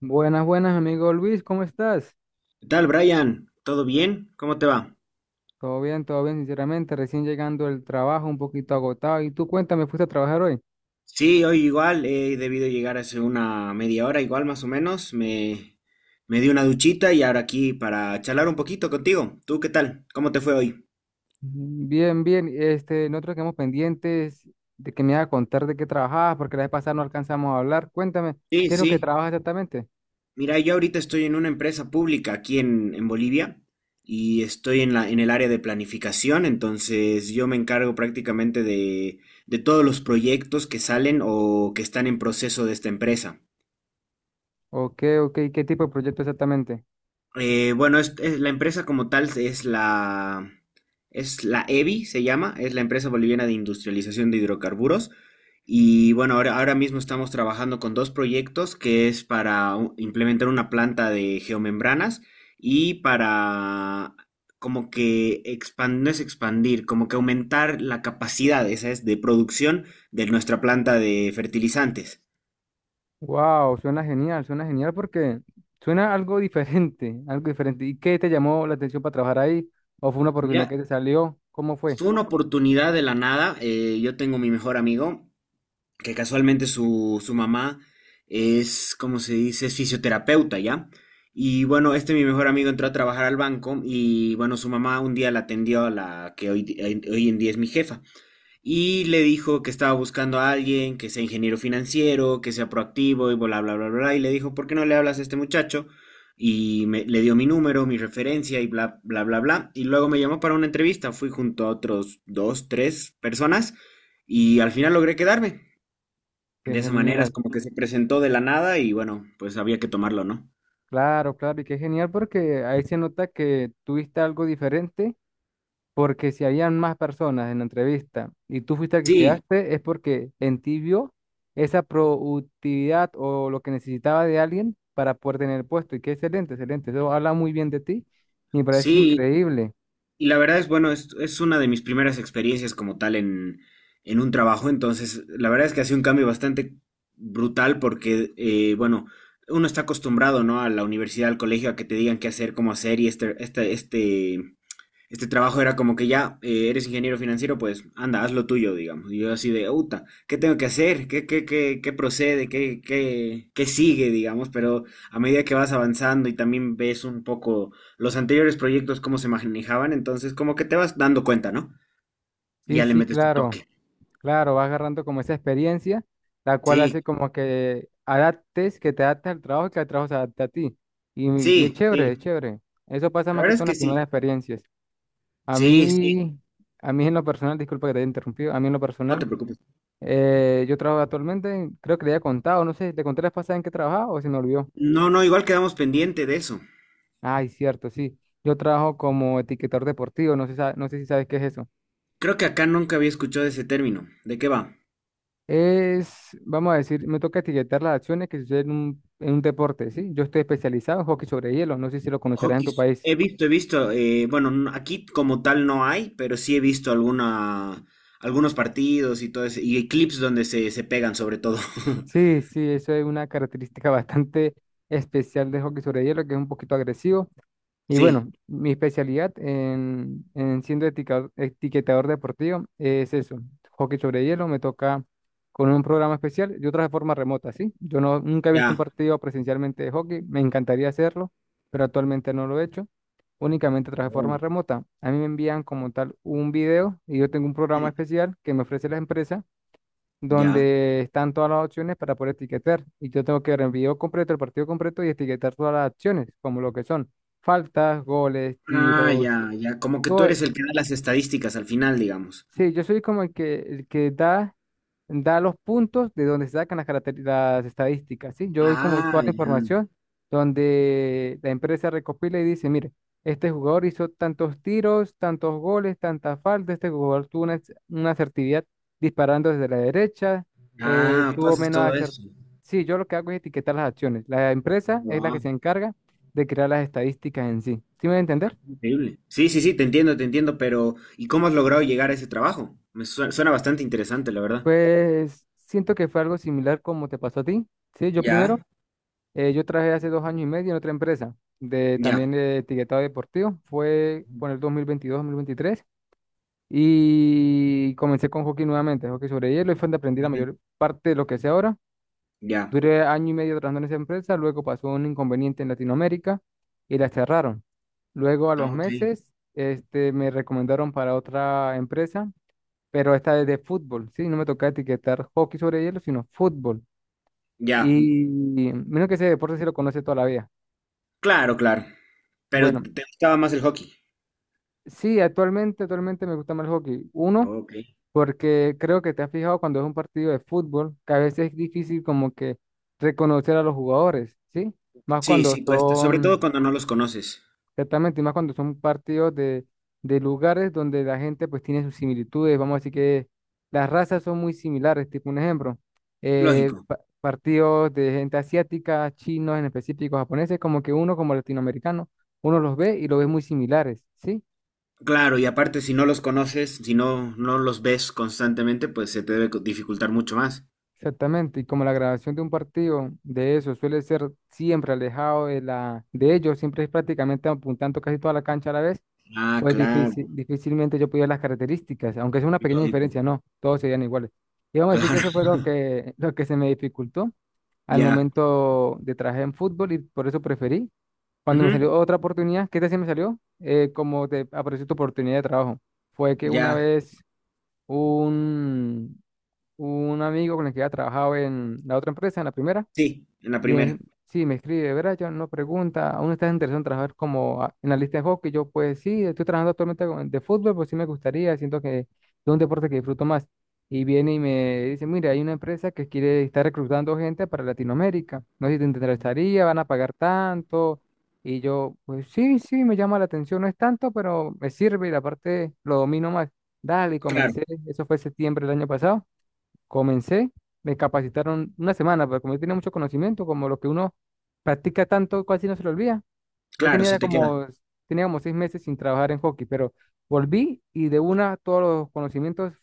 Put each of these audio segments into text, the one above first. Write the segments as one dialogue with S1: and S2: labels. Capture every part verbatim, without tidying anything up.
S1: Buenas, buenas, amigo Luis, ¿cómo estás?
S2: ¿Qué tal, Brian? ¿Todo bien? ¿Cómo te va?
S1: Todo bien, todo bien, sinceramente, recién llegando del trabajo, un poquito agotado. ¿Y tú cuéntame, fuiste a trabajar hoy?
S2: Sí, hoy igual he debido llegar hace una media hora, igual más o menos. Me, me di una duchita y ahora aquí para charlar un poquito contigo. ¿Tú qué tal? ¿Cómo te fue hoy?
S1: Mm, Bien, bien, este, nosotros quedamos pendientes de que me haga contar de qué trabajabas, porque la vez pasada no alcanzamos a hablar. Cuéntame,
S2: Sí,
S1: ¿qué es lo que
S2: sí.
S1: trabajas exactamente?
S2: Mira, yo ahorita estoy en una empresa pública aquí en, en Bolivia y estoy en la, en el área de planificación, entonces yo me encargo prácticamente de, de todos los proyectos que salen o que están en proceso de esta empresa.
S1: ¿O qué, o qué, qué tipo de proyecto exactamente?
S2: Eh, bueno, es- es- la empresa como tal es la, es la Evi, se llama, es la empresa boliviana de industrialización de hidrocarburos. Y bueno, ahora, ahora mismo estamos trabajando con dos proyectos que es para u- implementar una planta de geomembranas y para como que expandir, no es expandir, como que aumentar la capacidad, esa es, de producción de nuestra planta de fertilizantes.
S1: Wow, suena genial, suena genial porque suena algo diferente, algo diferente. ¿Y qué te llamó la atención para trabajar ahí? ¿O fue una oportunidad
S2: Mira,
S1: que te salió? ¿Cómo fue?
S2: fue una oportunidad de la nada. eh, yo tengo mi mejor amigo. Que casualmente su, su mamá es, como se dice? Es fisioterapeuta, ¿ya? Y bueno, este, mi mejor amigo entró a trabajar al banco y bueno, su mamá un día la atendió a la que hoy, di- hoy hoy en día es mi jefa y le dijo que estaba buscando a alguien que sea ingeniero financiero, que sea proactivo y bla, bla, bla, bla, y le dijo, ¿por qué no le hablas a este muchacho? Y me- le dio mi número, mi referencia y bla, bla, bla, bla. Y luego me llamó para una entrevista, fui junto a otros dos, tres personas y al final logré quedarme.
S1: Qué
S2: De esa manera es
S1: genial.
S2: como que se presentó de la nada y bueno, pues había que tomarlo, ¿no?
S1: Claro, claro, y qué genial porque ahí se nota que tuviste algo diferente, porque si habían más personas en la entrevista y tú fuiste el que
S2: Sí,
S1: quedaste, es porque en ti vio esa productividad o lo que necesitaba de alguien para poder tener el puesto. Y qué excelente, excelente. Eso habla muy bien de ti. Me parece
S2: sí,
S1: increíble.
S2: y la verdad es, bueno, es, es una de mis primeras experiencias como tal en, en un trabajo, entonces la verdad es que ha sido un cambio bastante brutal porque, eh, bueno, uno está acostumbrado, ¿no? A la universidad, al colegio, a que te digan qué hacer, cómo hacer y este, este, este este trabajo era como que ya, eh, eres ingeniero financiero, pues anda, haz lo tuyo, digamos. Y yo así de, puta, ¿qué tengo que hacer? ¿Qué, qué, qué, qué procede? ¿Qué, qué, qué sigue, digamos? Pero a medida que vas avanzando y también ves un poco los anteriores proyectos, cómo se manejaban, entonces como que te vas dando cuenta, ¿no? Y
S1: Sí,
S2: ya le
S1: sí,
S2: metes tu
S1: claro.
S2: toque.
S1: Claro, vas agarrando como esa experiencia, la cual
S2: Sí,
S1: hace como que adaptes, que te adaptes al trabajo y que el trabajo se adapte a ti. Y, y es
S2: sí, sí.
S1: chévere, es chévere. Eso pasa
S2: La
S1: más que
S2: verdad es
S1: todo en
S2: que
S1: las primeras
S2: sí.
S1: experiencias. A
S2: Sí, sí,
S1: mí, a mí en lo personal, disculpa que te haya interrumpido, a mí en lo
S2: no
S1: personal,
S2: te preocupes.
S1: eh, yo trabajo actualmente, creo que le había contado, no sé, ¿te conté la vez pasada en qué trabajaba o se me olvidó?
S2: No, no, igual quedamos pendiente de eso.
S1: Ay, cierto, sí. Yo trabajo como etiquetador deportivo, no sé, sa- no sé si sabes qué es eso.
S2: Creo que acá nunca había escuchado ese término. ¿De qué va?
S1: Es, vamos a decir, me toca etiquetar las acciones que suceden en un, en un deporte, ¿sí? Yo estoy especializado en hockey sobre hielo, no sé si lo conocerás en
S2: Hockey,
S1: tu país.
S2: he visto, he visto, eh, bueno, n- aquí como tal no hay, pero sí he visto alguna, algunos partidos y todo eso, y clips donde se, se pegan sobre todo.
S1: Sí, sí, eso es una característica bastante especial de hockey sobre hielo, que es un poquito agresivo. Y
S2: Sí,
S1: bueno, mi especialidad en, en siendo etica- etiquetador deportivo es eso, hockey sobre hielo, me toca con un programa especial y otra de forma remota, ¿sí? Yo no, nunca he visto un
S2: ya.
S1: partido presencialmente de hockey, me encantaría hacerlo, pero actualmente no lo he hecho, únicamente a través de forma
S2: Oh,
S1: remota. A mí me envían como tal un video y yo tengo un programa
S2: mm,
S1: especial que me ofrece la empresa
S2: ya.
S1: donde están todas las opciones para poder etiquetar. Y yo tengo que ver el video completo, el partido completo y etiquetar todas las acciones, como lo que son faltas, goles,
S2: Ah,
S1: tiros,
S2: ya, ya. Como que tú
S1: todo.
S2: eres el que da las estadísticas al final, digamos.
S1: Sí, yo soy como el que, el que da, da los puntos de donde se sacan las, caracter- las estadísticas, ¿sí? Yo doy como toda
S2: Ah,
S1: la
S2: ya.
S1: información donde la empresa recopila y dice, mire, este jugador hizo tantos tiros, tantos goles, tantas faltas, este jugador tuvo una, ac- una asertividad disparando desde la derecha, eh,
S2: Ah, tú
S1: tuvo
S2: haces
S1: menos
S2: todo
S1: asertividad.
S2: eso.
S1: Sí, yo lo que hago es etiquetar las acciones. La empresa es la que
S2: Wow,
S1: se encarga de crear las estadísticas en sí. ¿Sí me voy a entender?
S2: increíble. Sí, sí, sí, te entiendo, te entiendo, pero ¿y cómo has logrado llegar a ese trabajo? Me suena, suena bastante interesante, la verdad.
S1: Pues siento que fue algo similar como te pasó a ti. Sí, yo
S2: Ya.
S1: primero, eh, yo trabajé hace dos años y medio en otra empresa de
S2: Ya.
S1: también de etiquetado deportivo. Fue por el dos dos mil veintidós dos mil veintitrés y comencé con hockey nuevamente, hockey sobre hielo y fue donde aprendí la
S2: Ujú.
S1: mayor parte de lo que sé ahora.
S2: Ya.
S1: Duré año y medio trabajando en esa empresa, luego pasó un inconveniente en Latinoamérica y la cerraron. Luego a los
S2: Ah, ok.
S1: meses, este, me recomendaron para otra empresa pero esta vez de fútbol, sí, no me toca etiquetar hockey sobre hielo, sino fútbol.
S2: Ya,
S1: Y menos que ese deporte se lo conoce toda la vida.
S2: claro, claro. Pero
S1: Bueno,
S2: te gustaba más el hockey.
S1: sí, actualmente, actualmente me gusta más el hockey. Uno,
S2: Ok.
S1: porque creo que te has fijado cuando es un partido de fútbol, que a veces es difícil como que reconocer a los jugadores, ¿sí? Más
S2: Sí,
S1: cuando
S2: sí, cuesta, sobre todo
S1: son.
S2: cuando no los conoces.
S1: Exactamente, y más cuando son partidos de, de lugares donde la gente pues tiene sus similitudes, vamos a decir que las razas son muy similares, tipo un ejemplo, eh,
S2: Lógico.
S1: pa- partidos de gente asiática, chinos en específico, japoneses, como que uno como latinoamericano, uno los ve y los ve muy similares, ¿sí?
S2: Claro, y aparte si no los conoces, si no, no los ves constantemente, pues se te debe co- dificultar mucho más.
S1: Exactamente, y como la grabación de un partido de eso suele ser siempre alejado de la de ellos, siempre es prácticamente apuntando casi toda la cancha a la vez.
S2: Ah,
S1: Pues
S2: claro,
S1: difícil, difícilmente yo pudiera las características, aunque sea una pequeña diferencia,
S2: lógico.
S1: no, todos serían iguales. Y vamos a decir que
S2: Claro.
S1: eso fue lo que, lo que se me dificultó al
S2: Ya.
S1: momento de trabajar en fútbol y por eso preferí. Cuando me
S2: Ujú,
S1: salió otra oportunidad, ¿qué tal si me salió? Eh, como te apareció tu oportunidad de trabajo. Fue que una
S2: ya.
S1: vez un, un amigo con el que había trabajado en la otra empresa, en la primera.
S2: Sí, en la
S1: Bien,
S2: primera.
S1: sí, me escribe Brian, no pregunta, ¿aún estás interesado en trabajar como a- analista de hockey? Yo, pues sí, estoy trabajando actualmente con- de fútbol, pues sí me gustaría, siento que es un deporte que disfruto más. Y viene y me dice, mira, hay una empresa que quiere estar reclutando gente para Latinoamérica, no sé si te interesaría, van a pagar tanto. Y yo, pues sí, sí, me llama la atención, no es tanto, pero me sirve y la parte lo domino más. Dale, y
S2: Claro,
S1: comencé, eso fue septiembre del año pasado. Comencé, me capacitaron una semana, pero como yo tenía mucho conocimiento, como lo que uno practica tanto, casi no se lo olvida. Yo
S2: claro,
S1: tenía
S2: se
S1: ya
S2: te queda.
S1: como, tenía como seis meses sin trabajar en hockey, pero volví y de una todos los conocimientos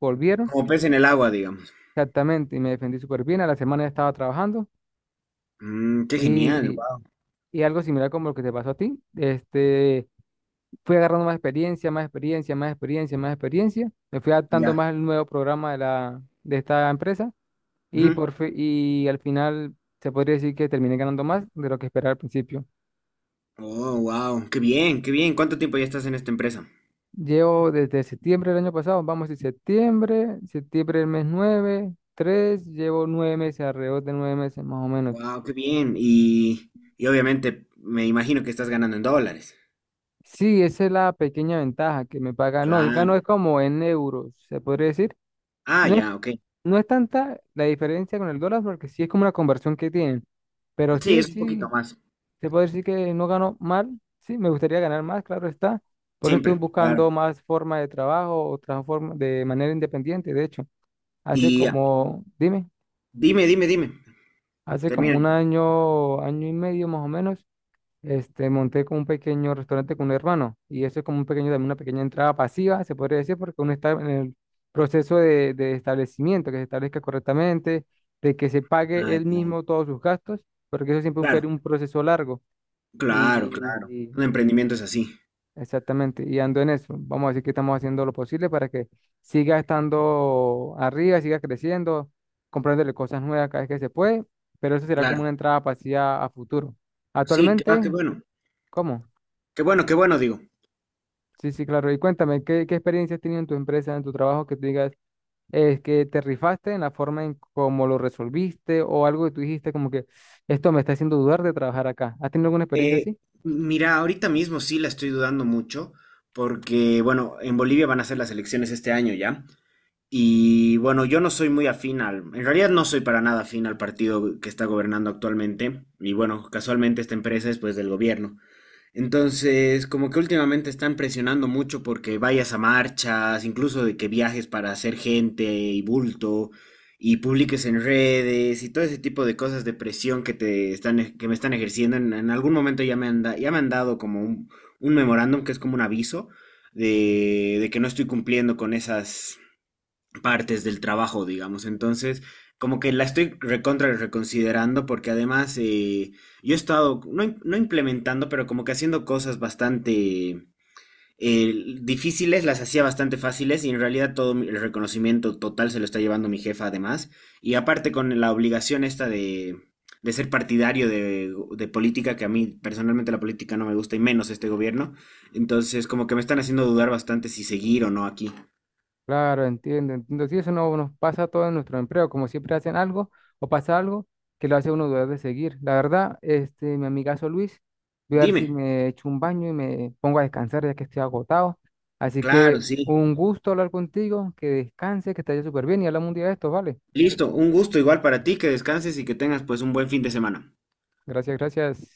S1: volvieron
S2: Como pez en el agua, digamos.
S1: exactamente y me defendí súper bien. A la semana ya estaba trabajando
S2: Mm, qué genial,
S1: y,
S2: wow.
S1: y algo similar como lo que te pasó a ti. Este, fui agarrando más experiencia, más experiencia, más experiencia, más experiencia. Me fui adaptando
S2: Ya.
S1: más al nuevo programa de la, de esta empresa y,
S2: Ujú.
S1: por fi- y al final se podría decir que terminé ganando más de lo que esperaba al principio.
S2: Oh, wow. Qué bien, qué bien. ¿Cuánto tiempo ya estás en esta empresa?
S1: Llevo desde septiembre del año pasado, vamos a septiembre, septiembre del mes nueve, tres llevo nueve meses, alrededor de nueve meses más o menos.
S2: Wow, qué bien. Y, y obviamente me imagino que estás ganando en dólares.
S1: Sí, esa es la pequeña ventaja que me paga. No, yo gano es
S2: Claro.
S1: como en euros, se podría decir.
S2: Ah,
S1: No es,
S2: ya, ok.
S1: no es tanta la diferencia con el dólar porque sí es como una conversión que tienen. Pero
S2: Sí,
S1: sí,
S2: es un poquito
S1: sí,
S2: más.
S1: se puede decir que no gano mal, sí, me gustaría ganar más, claro está. Por eso estoy
S2: Siempre, claro.
S1: buscando más formas de trabajo o transforma de manera independiente. De hecho, hace
S2: Y ah,
S1: como, dime,
S2: dime, dime, dime.
S1: hace
S2: Termina.
S1: como un año, año y medio más o menos, este, monté como un pequeño restaurante con un hermano. Y eso es como un pequeño, también una pequeña entrada pasiva, se podría decir, porque uno está en el proceso de, de establecimiento, que se establezca correctamente, de que se pague
S2: Ah,
S1: él
S2: ya.
S1: mismo todos sus gastos, porque eso siempre es un, per-
S2: Claro,
S1: un proceso largo.
S2: claro, claro.
S1: Y
S2: Un emprendimiento es así.
S1: exactamente, y ando en eso. Vamos a decir que estamos haciendo lo posible para que siga estando arriba, siga creciendo, comprándole cosas nuevas cada vez que se puede, pero eso será como
S2: Claro.
S1: una entrada pasiva a futuro.
S2: Sí, qué, ah,
S1: Actualmente,
S2: qué bueno.
S1: ¿cómo?
S2: Qué bueno, qué bueno, digo.
S1: Sí, sí, claro. Y cuéntame, ¿qué, qué experiencia has tenido en tu empresa, en tu trabajo, que tú digas, es que te rifaste en la forma en cómo lo resolviste o algo que tú dijiste como que esto me está haciendo dudar de trabajar acá? ¿Has tenido alguna experiencia
S2: Eh,
S1: así?
S2: mira, ahorita mismo sí la estoy dudando mucho porque, bueno, en Bolivia van a ser las elecciones este año, ¿ya? Y bueno, yo no soy muy afín al, en realidad no soy para nada afín al partido que está gobernando actualmente. Y bueno, casualmente esta empresa es pues del gobierno. Entonces, como que últimamente están presionando mucho porque vayas a marchas, incluso de que viajes para hacer gente y bulto y publiques en redes y todo ese tipo de cosas de presión que te están, ej- que me están ejerciendo. En, en algún momento ya me han, da- ya me han dado como un, un memorándum que es como un aviso de, de que no estoy cumpliendo con esas partes del trabajo, digamos. Entonces, como que la estoy recontra reconsiderando porque además eh, yo he estado, no, im- no implementando, pero como que haciendo cosas bastante eh, difíciles, las hacía bastante fáciles y en realidad todo mi- el reconocimiento total se lo está llevando mi jefa además. Y aparte con la obligación esta de, de ser partidario de, de política, que a mí personalmente la política no me gusta y menos este gobierno. Entonces, como que me están haciendo dudar bastante si seguir o no aquí.
S1: Claro, entiendo, entiendo. Sí, eso no nos pasa a todos en nuestro empleo, como siempre hacen algo o pasa algo que lo hace uno dudar de seguir. La verdad, este, mi amigazo Luis, voy a ver si
S2: Dime.
S1: me echo un baño y me pongo a descansar ya que estoy agotado. Así que
S2: Claro, sí.
S1: un gusto hablar contigo, que descanse, que te vaya súper bien y hablamos un día de esto, ¿vale?
S2: Listo, un gusto igual para ti, que descanses y que tengas pues un buen fin de semana.
S1: Gracias, gracias.